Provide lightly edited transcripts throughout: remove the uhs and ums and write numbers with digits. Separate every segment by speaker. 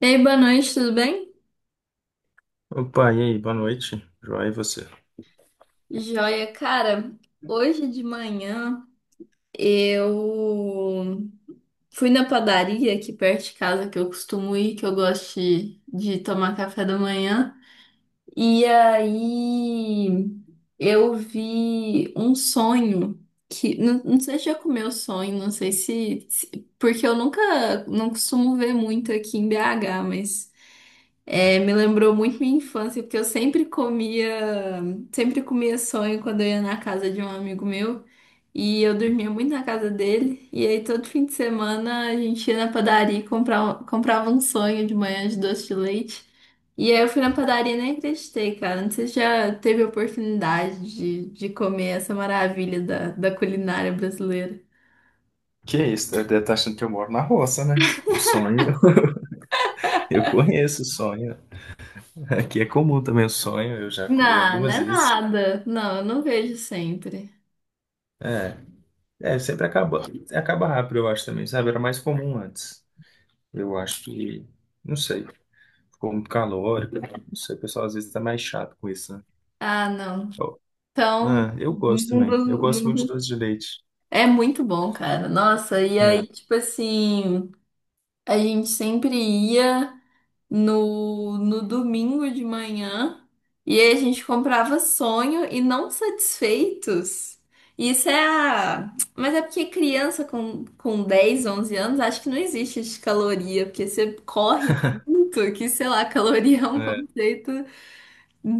Speaker 1: Ei, boa noite, tudo bem?
Speaker 2: Opa, e aí, boa noite. Joia, e você?
Speaker 1: Joia, cara, hoje de manhã eu fui na padaria aqui perto de casa que eu costumo ir, que eu gosto de tomar café da manhã. E aí eu vi um sonho que não sei se já comeu sonho, não sei porque eu nunca não costumo ver muito aqui em BH, mas me lembrou muito minha infância, porque eu sempre comia sonho quando eu ia na casa de um amigo meu. E eu dormia muito na casa dele. E aí todo fim de semana a gente ia na padaria e comprava um sonho de manhã de doce de leite. E aí eu fui na padaria e nem acreditei, cara. Não sei se já teve a oportunidade de comer essa maravilha da culinária brasileira.
Speaker 2: Que isso, deve estar achando que eu moro na roça, né? O sonho, eu conheço o sonho. Aqui é comum também o sonho, eu já comi
Speaker 1: Não, não
Speaker 2: algumas
Speaker 1: é
Speaker 2: vezes.
Speaker 1: nada. Não, eu não vejo sempre.
Speaker 2: É, sempre acaba rápido, eu acho também, sabe? Era mais comum antes. Eu acho que, não sei, ficou muito calórico. Não sei, o pessoal às vezes tá mais chato com isso, né?
Speaker 1: Ah, não.
Speaker 2: Eu,
Speaker 1: Então,
Speaker 2: eu gosto
Speaker 1: mundo,
Speaker 2: também, eu gosto muito de
Speaker 1: mundo
Speaker 2: doce de leite.
Speaker 1: é muito bom, cara. Nossa, e
Speaker 2: É,
Speaker 1: aí, tipo assim, a gente sempre ia no domingo de manhã e aí a gente comprava sonho e não satisfeitos. Isso é a... Mas é porque criança com 10, 11 anos, acho que não existe de caloria, porque você corre tanto que, sei lá, caloria é um
Speaker 2: é.
Speaker 1: conceito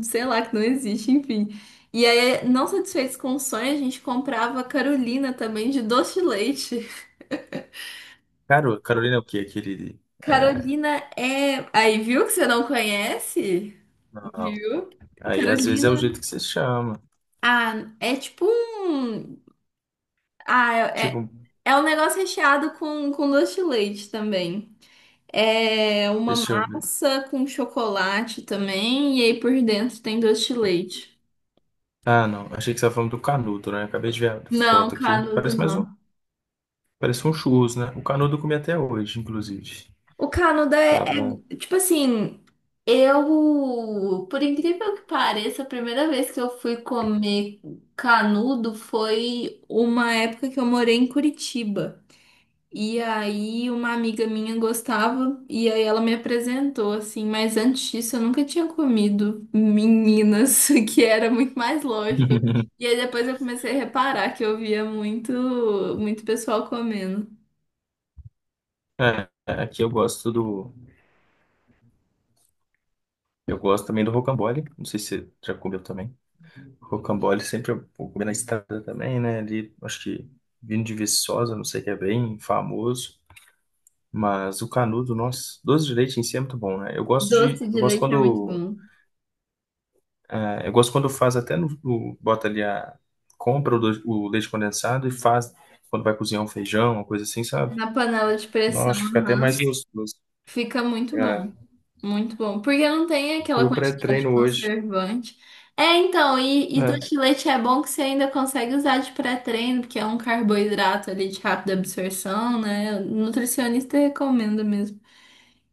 Speaker 1: sei lá, que não existe, enfim. E aí, não satisfeitos com o sonho, a gente comprava Carolina também de doce de leite.
Speaker 2: Carolina é o quê? Aquele. É,
Speaker 1: Carolina é. Aí, viu que você não conhece?
Speaker 2: não.
Speaker 1: Viu?
Speaker 2: Aí às vezes é o jeito
Speaker 1: Carolina.
Speaker 2: que você chama.
Speaker 1: Ah, é tipo um. Ah, é
Speaker 2: Tipo,
Speaker 1: é um negócio recheado com doce de leite também. É uma
Speaker 2: deixa eu ver.
Speaker 1: massa com chocolate também, e aí por dentro tem doce de leite.
Speaker 2: Ah, não. Achei que você estava falando do canudo, né? Acabei de ver a
Speaker 1: Não,
Speaker 2: foto aqui.
Speaker 1: canudo não.
Speaker 2: Parece um churros, né? O canudo eu comi até hoje, inclusive.
Speaker 1: O Canadá
Speaker 2: Tava.
Speaker 1: tipo assim, eu, por incrível que pareça, a primeira vez que eu fui comer canudo foi uma época que eu morei em Curitiba. E aí uma amiga minha gostava e aí ela me apresentou assim, mas antes disso eu nunca tinha comido meninas, que era muito mais lógico. E aí depois eu comecei a reparar que eu via muito pessoal comendo.
Speaker 2: É, aqui eu gosto do. Eu gosto também do rocambole. Não sei se você já comeu também. Rocambole sempre eu vou comer na estrada também, né? Ali, acho que vindo de Viçosa, não sei que é bem famoso. Mas o canudo, nossa, doce de leite em si é muito bom, né? Eu gosto
Speaker 1: Doce
Speaker 2: de. Eu
Speaker 1: de
Speaker 2: gosto
Speaker 1: leite é muito
Speaker 2: quando,
Speaker 1: bom.
Speaker 2: ah, eu gosto quando faz até bota ali a o leite condensado e faz quando vai cozinhar um feijão, uma coisa assim, sabe?
Speaker 1: Na panela de pressão,
Speaker 2: Nossa, fica até mais
Speaker 1: aham.
Speaker 2: gostoso.
Speaker 1: Fica muito
Speaker 2: É,
Speaker 1: bom. Muito bom. Porque não tem aquela
Speaker 2: meu
Speaker 1: quantidade de
Speaker 2: pré-treino hoje,
Speaker 1: conservante. É, então, e do
Speaker 2: né?
Speaker 1: chilete é bom que você ainda consegue usar de pré-treino, porque é um carboidrato ali de rápida absorção, né? O nutricionista recomenda mesmo.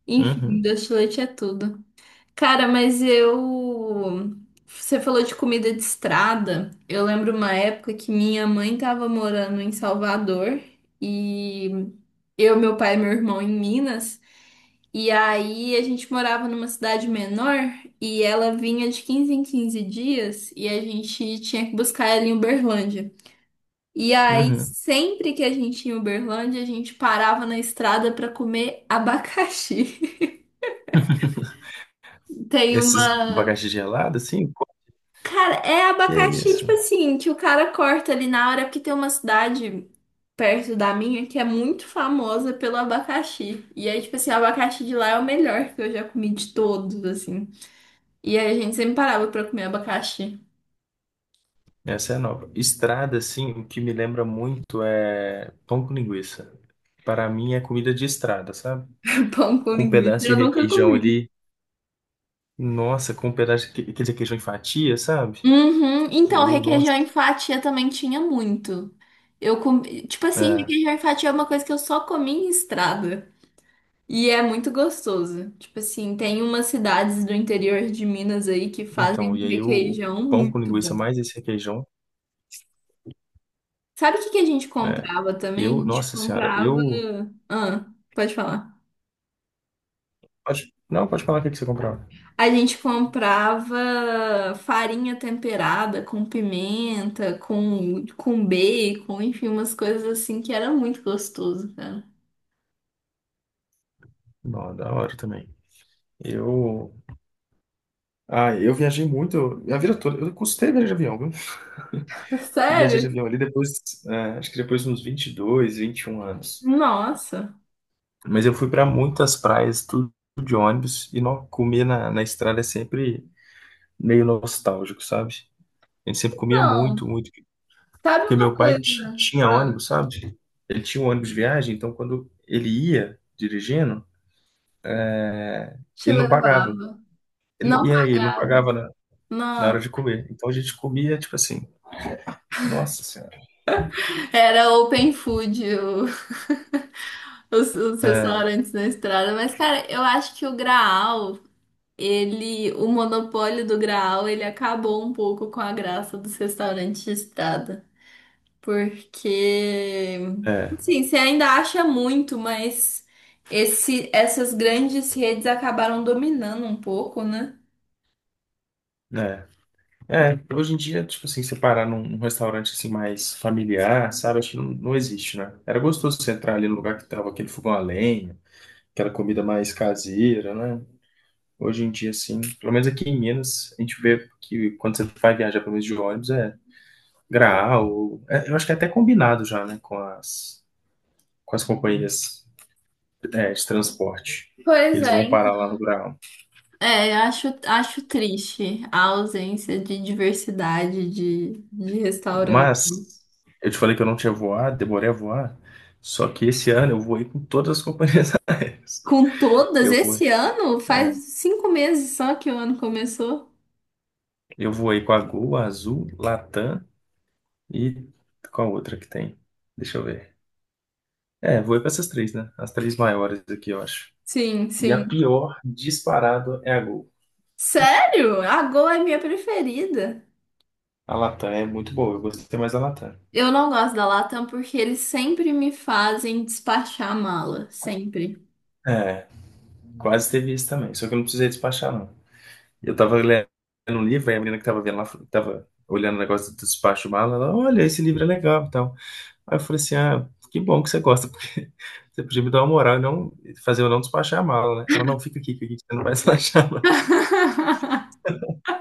Speaker 1: Enfim,
Speaker 2: Uhum,
Speaker 1: do chilete é tudo. Cara, mas eu. Você falou de comida de estrada. Eu lembro uma época que minha mãe tava morando em Salvador e eu, meu pai e meu irmão em Minas. E aí a gente morava numa cidade menor e ela vinha de 15 em 15 dias e a gente tinha que buscar ela em Uberlândia. E aí,
Speaker 2: uhum.
Speaker 1: sempre que a gente ia em Uberlândia, a gente parava na estrada pra comer abacaxi. Tem
Speaker 2: Esses
Speaker 1: uma
Speaker 2: abacaxi gelado, assim, pô,
Speaker 1: Cara, é
Speaker 2: que
Speaker 1: abacaxi,
Speaker 2: isso?
Speaker 1: tipo assim, que o cara corta ali na hora, porque tem uma cidade perto da minha que é muito famosa pelo abacaxi. E aí, tipo assim, o abacaxi de lá é o melhor que eu já comi de todos, assim. E aí a gente sempre parava pra comer abacaxi.
Speaker 2: Essa é nova. Estrada, assim, o que me lembra muito é pão com linguiça. Para mim é comida de estrada, sabe?
Speaker 1: Pão com
Speaker 2: Com um
Speaker 1: linguiça,
Speaker 2: pedaço de
Speaker 1: eu nunca
Speaker 2: requeijão
Speaker 1: comi.
Speaker 2: ali. Nossa, com um pedaço de aquele requeijão em fatia, sabe?
Speaker 1: Uhum. Então,
Speaker 2: Eu, nossa.
Speaker 1: requeijão em fatia também tinha muito. Eu comi, tipo assim,
Speaker 2: É,
Speaker 1: requeijão em fatia é uma coisa que eu só comi em estrada. E é muito gostoso. Tipo assim, tem umas cidades do interior de Minas aí que fazem
Speaker 2: então, e
Speaker 1: um
Speaker 2: aí o
Speaker 1: requeijão
Speaker 2: pão com
Speaker 1: muito
Speaker 2: linguiça
Speaker 1: bom.
Speaker 2: mais esse requeijão.
Speaker 1: Sabe o que que a gente
Speaker 2: É.
Speaker 1: comprava também? A
Speaker 2: Eu,
Speaker 1: gente
Speaker 2: nossa senhora,
Speaker 1: comprava.
Speaker 2: eu.
Speaker 1: Ah, pode falar.
Speaker 2: Pode, não, pode falar o que que você comprou.
Speaker 1: A gente comprava farinha temperada com pimenta, com bacon, enfim, umas coisas assim que era muito gostoso, cara.
Speaker 2: Não, da hora também. Eu. Ah, eu viajei muito, a vida toda. Eu custei viajar de avião, viu? Fui viajar de
Speaker 1: Sério?
Speaker 2: avião ali depois, é, acho que depois de uns 22, 21 anos.
Speaker 1: Nossa.
Speaker 2: Mas eu fui para muitas praias, tudo de ônibus, e não, comer na estrada é sempre meio nostálgico, sabe? A gente sempre comia
Speaker 1: Então,
Speaker 2: muito, muito.
Speaker 1: sabe
Speaker 2: Porque
Speaker 1: uma
Speaker 2: meu pai
Speaker 1: coisa?
Speaker 2: tinha
Speaker 1: Ah,
Speaker 2: ônibus, sabe? Ele tinha um ônibus de viagem, então quando ele ia dirigindo,
Speaker 1: te
Speaker 2: ele não
Speaker 1: levar.
Speaker 2: pagava.
Speaker 1: Não
Speaker 2: Ele não
Speaker 1: pagava.
Speaker 2: pagava na hora de
Speaker 1: Nossa.
Speaker 2: comer. Então a gente comia, tipo assim, nossa senhora.
Speaker 1: Era open food os restaurantes na estrada. Mas, cara, eu acho que o Graal, ele, o monopólio do Graal, ele acabou um pouco com a graça dos restaurantes de estrada. Porque,
Speaker 2: É,
Speaker 1: assim, você ainda acha muito, mas essas grandes redes acabaram dominando um pouco, né?
Speaker 2: né? É, hoje em dia, tipo assim, você parar num restaurante assim mais familiar, sabe? Acho que não, não existe, né? Era gostoso você entrar ali no lugar que tava aquele fogão a lenha, aquela comida mais caseira, né? Hoje em dia, assim, pelo menos aqui em Minas, a gente vê que quando você vai viajar, pelo menos de ônibus, é Graal, é, eu acho que é até combinado já, né, com as companhias, é, de transporte, que
Speaker 1: Pois
Speaker 2: eles
Speaker 1: é,
Speaker 2: vão parar
Speaker 1: então.
Speaker 2: lá no Graal.
Speaker 1: É, acho, acho triste a ausência de diversidade de
Speaker 2: Mas eu te falei que eu não tinha voado, demorei a voar, só que esse ano eu voei com todas as companhias aéreas.
Speaker 1: Com todas,
Speaker 2: Eu voei,
Speaker 1: esse ano? Faz 5 meses só que o ano começou.
Speaker 2: eu voei com a Gol, a Azul, Latam e com a outra que tem? Deixa eu ver. É, voei com essas três, né? As três maiores aqui, eu acho.
Speaker 1: Sim,
Speaker 2: E a
Speaker 1: sim.
Speaker 2: pior disparado é a Gol.
Speaker 1: Sério? A Gol é minha preferida.
Speaker 2: A Latam é muito boa, eu gostei mais da Latam.
Speaker 1: Eu não gosto da Latam porque eles sempre me fazem despachar a mala, sempre.
Speaker 2: É, quase teve isso também, só que eu não precisei despachar, não. Eu tava lendo um livro, aí a menina que tava vendo lá, tava olhando o negócio do despacho mala, ela, olha, esse livro é legal e tal. Aí eu falei assim, ah, que bom que você gosta, porque você podia me dar uma moral e não fazer eu não despachar a mala, né? Ela, não, fica aqui, você não vai despachar, não.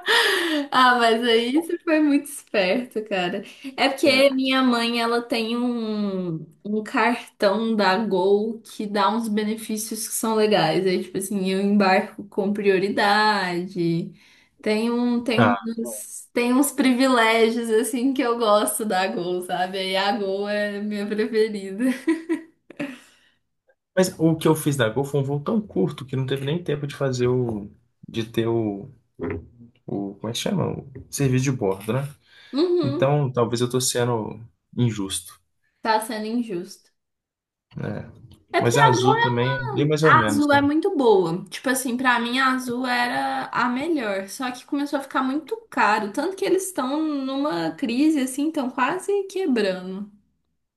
Speaker 1: Ah, mas aí você foi muito esperto, cara. É
Speaker 2: É.
Speaker 1: porque minha mãe, ela tem um cartão da Gol que dá uns benefícios que são legais. Aí, tipo assim, eu embarco com prioridade. Tem um, tem
Speaker 2: Ah,
Speaker 1: uns, tem uns privilégios, assim, que eu gosto da Gol, sabe? Aí a Gol é minha preferida.
Speaker 2: mas o que eu fiz da Gol foi um voo tão curto que não teve nem tempo de fazer o, de ter o, como é que chama? O serviço de bordo, né?
Speaker 1: Uhum,
Speaker 2: Então, talvez eu tô sendo injusto,
Speaker 1: tá sendo injusto.
Speaker 2: né?
Speaker 1: É porque
Speaker 2: Mas a
Speaker 1: a Gol
Speaker 2: Azul também é bem mais ou
Speaker 1: A
Speaker 2: menos,
Speaker 1: azul é
Speaker 2: né?
Speaker 1: muito boa. Tipo assim, pra mim a azul era a melhor. Só que começou a ficar muito caro. Tanto que eles estão numa crise, assim, estão quase quebrando.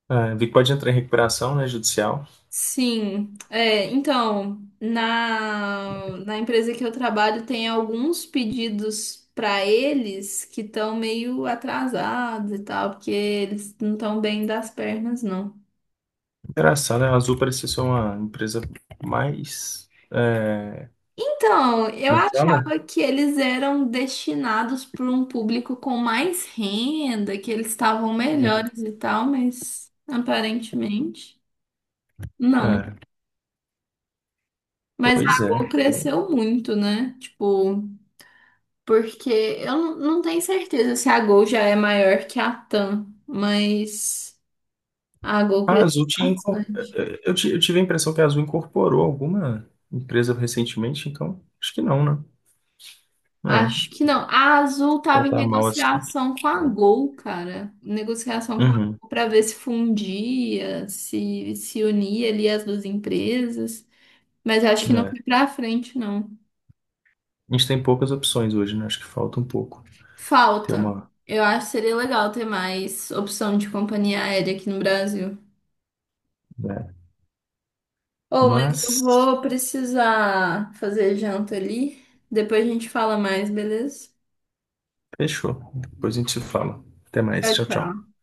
Speaker 2: É, vi que pode entrar em recuperação, né, judicial.
Speaker 1: Sim. É, então, na empresa que eu trabalho, tem alguns pedidos pra eles que estão meio atrasados e tal, porque eles não estão bem das pernas, não.
Speaker 2: Engraçado, né? A Azul parecia ser uma empresa mais... é,
Speaker 1: Então, eu
Speaker 2: como é que fala?
Speaker 1: achava que eles eram destinados para um público com mais renda, que eles estavam melhores e tal, mas aparentemente não.
Speaker 2: É,
Speaker 1: Mas
Speaker 2: pois
Speaker 1: a Gol
Speaker 2: é.
Speaker 1: cresceu muito, né? Tipo, porque eu não tenho certeza se a Gol já é maior que a TAM, mas a Gol
Speaker 2: A
Speaker 1: cresceu
Speaker 2: Azul tinha...
Speaker 1: bastante.
Speaker 2: é, é, eu eu tive a impressão que a Azul incorporou alguma empresa recentemente, então acho que não, né? É,
Speaker 1: Acho que não. A Azul
Speaker 2: ela
Speaker 1: tava em
Speaker 2: tá mal assim.
Speaker 1: negociação com a Gol, cara. Negociação com a
Speaker 2: Uhum,
Speaker 1: Gol para ver se fundia, se se unia ali as duas empresas. Mas eu acho que não
Speaker 2: né?
Speaker 1: foi pra frente, não.
Speaker 2: A gente tem poucas opções hoje, né? Acho que falta um pouco ter
Speaker 1: Falta.
Speaker 2: uma...
Speaker 1: Eu acho que seria legal ter mais opção de companhia aérea aqui no Brasil.
Speaker 2: né?
Speaker 1: Oh, mas eu
Speaker 2: Mas...
Speaker 1: vou precisar fazer janta ali. Depois a gente fala mais, beleza?
Speaker 2: Fechou. Depois a gente se fala. Até mais.
Speaker 1: Tchau,
Speaker 2: Tchau, tchau.
Speaker 1: tchau.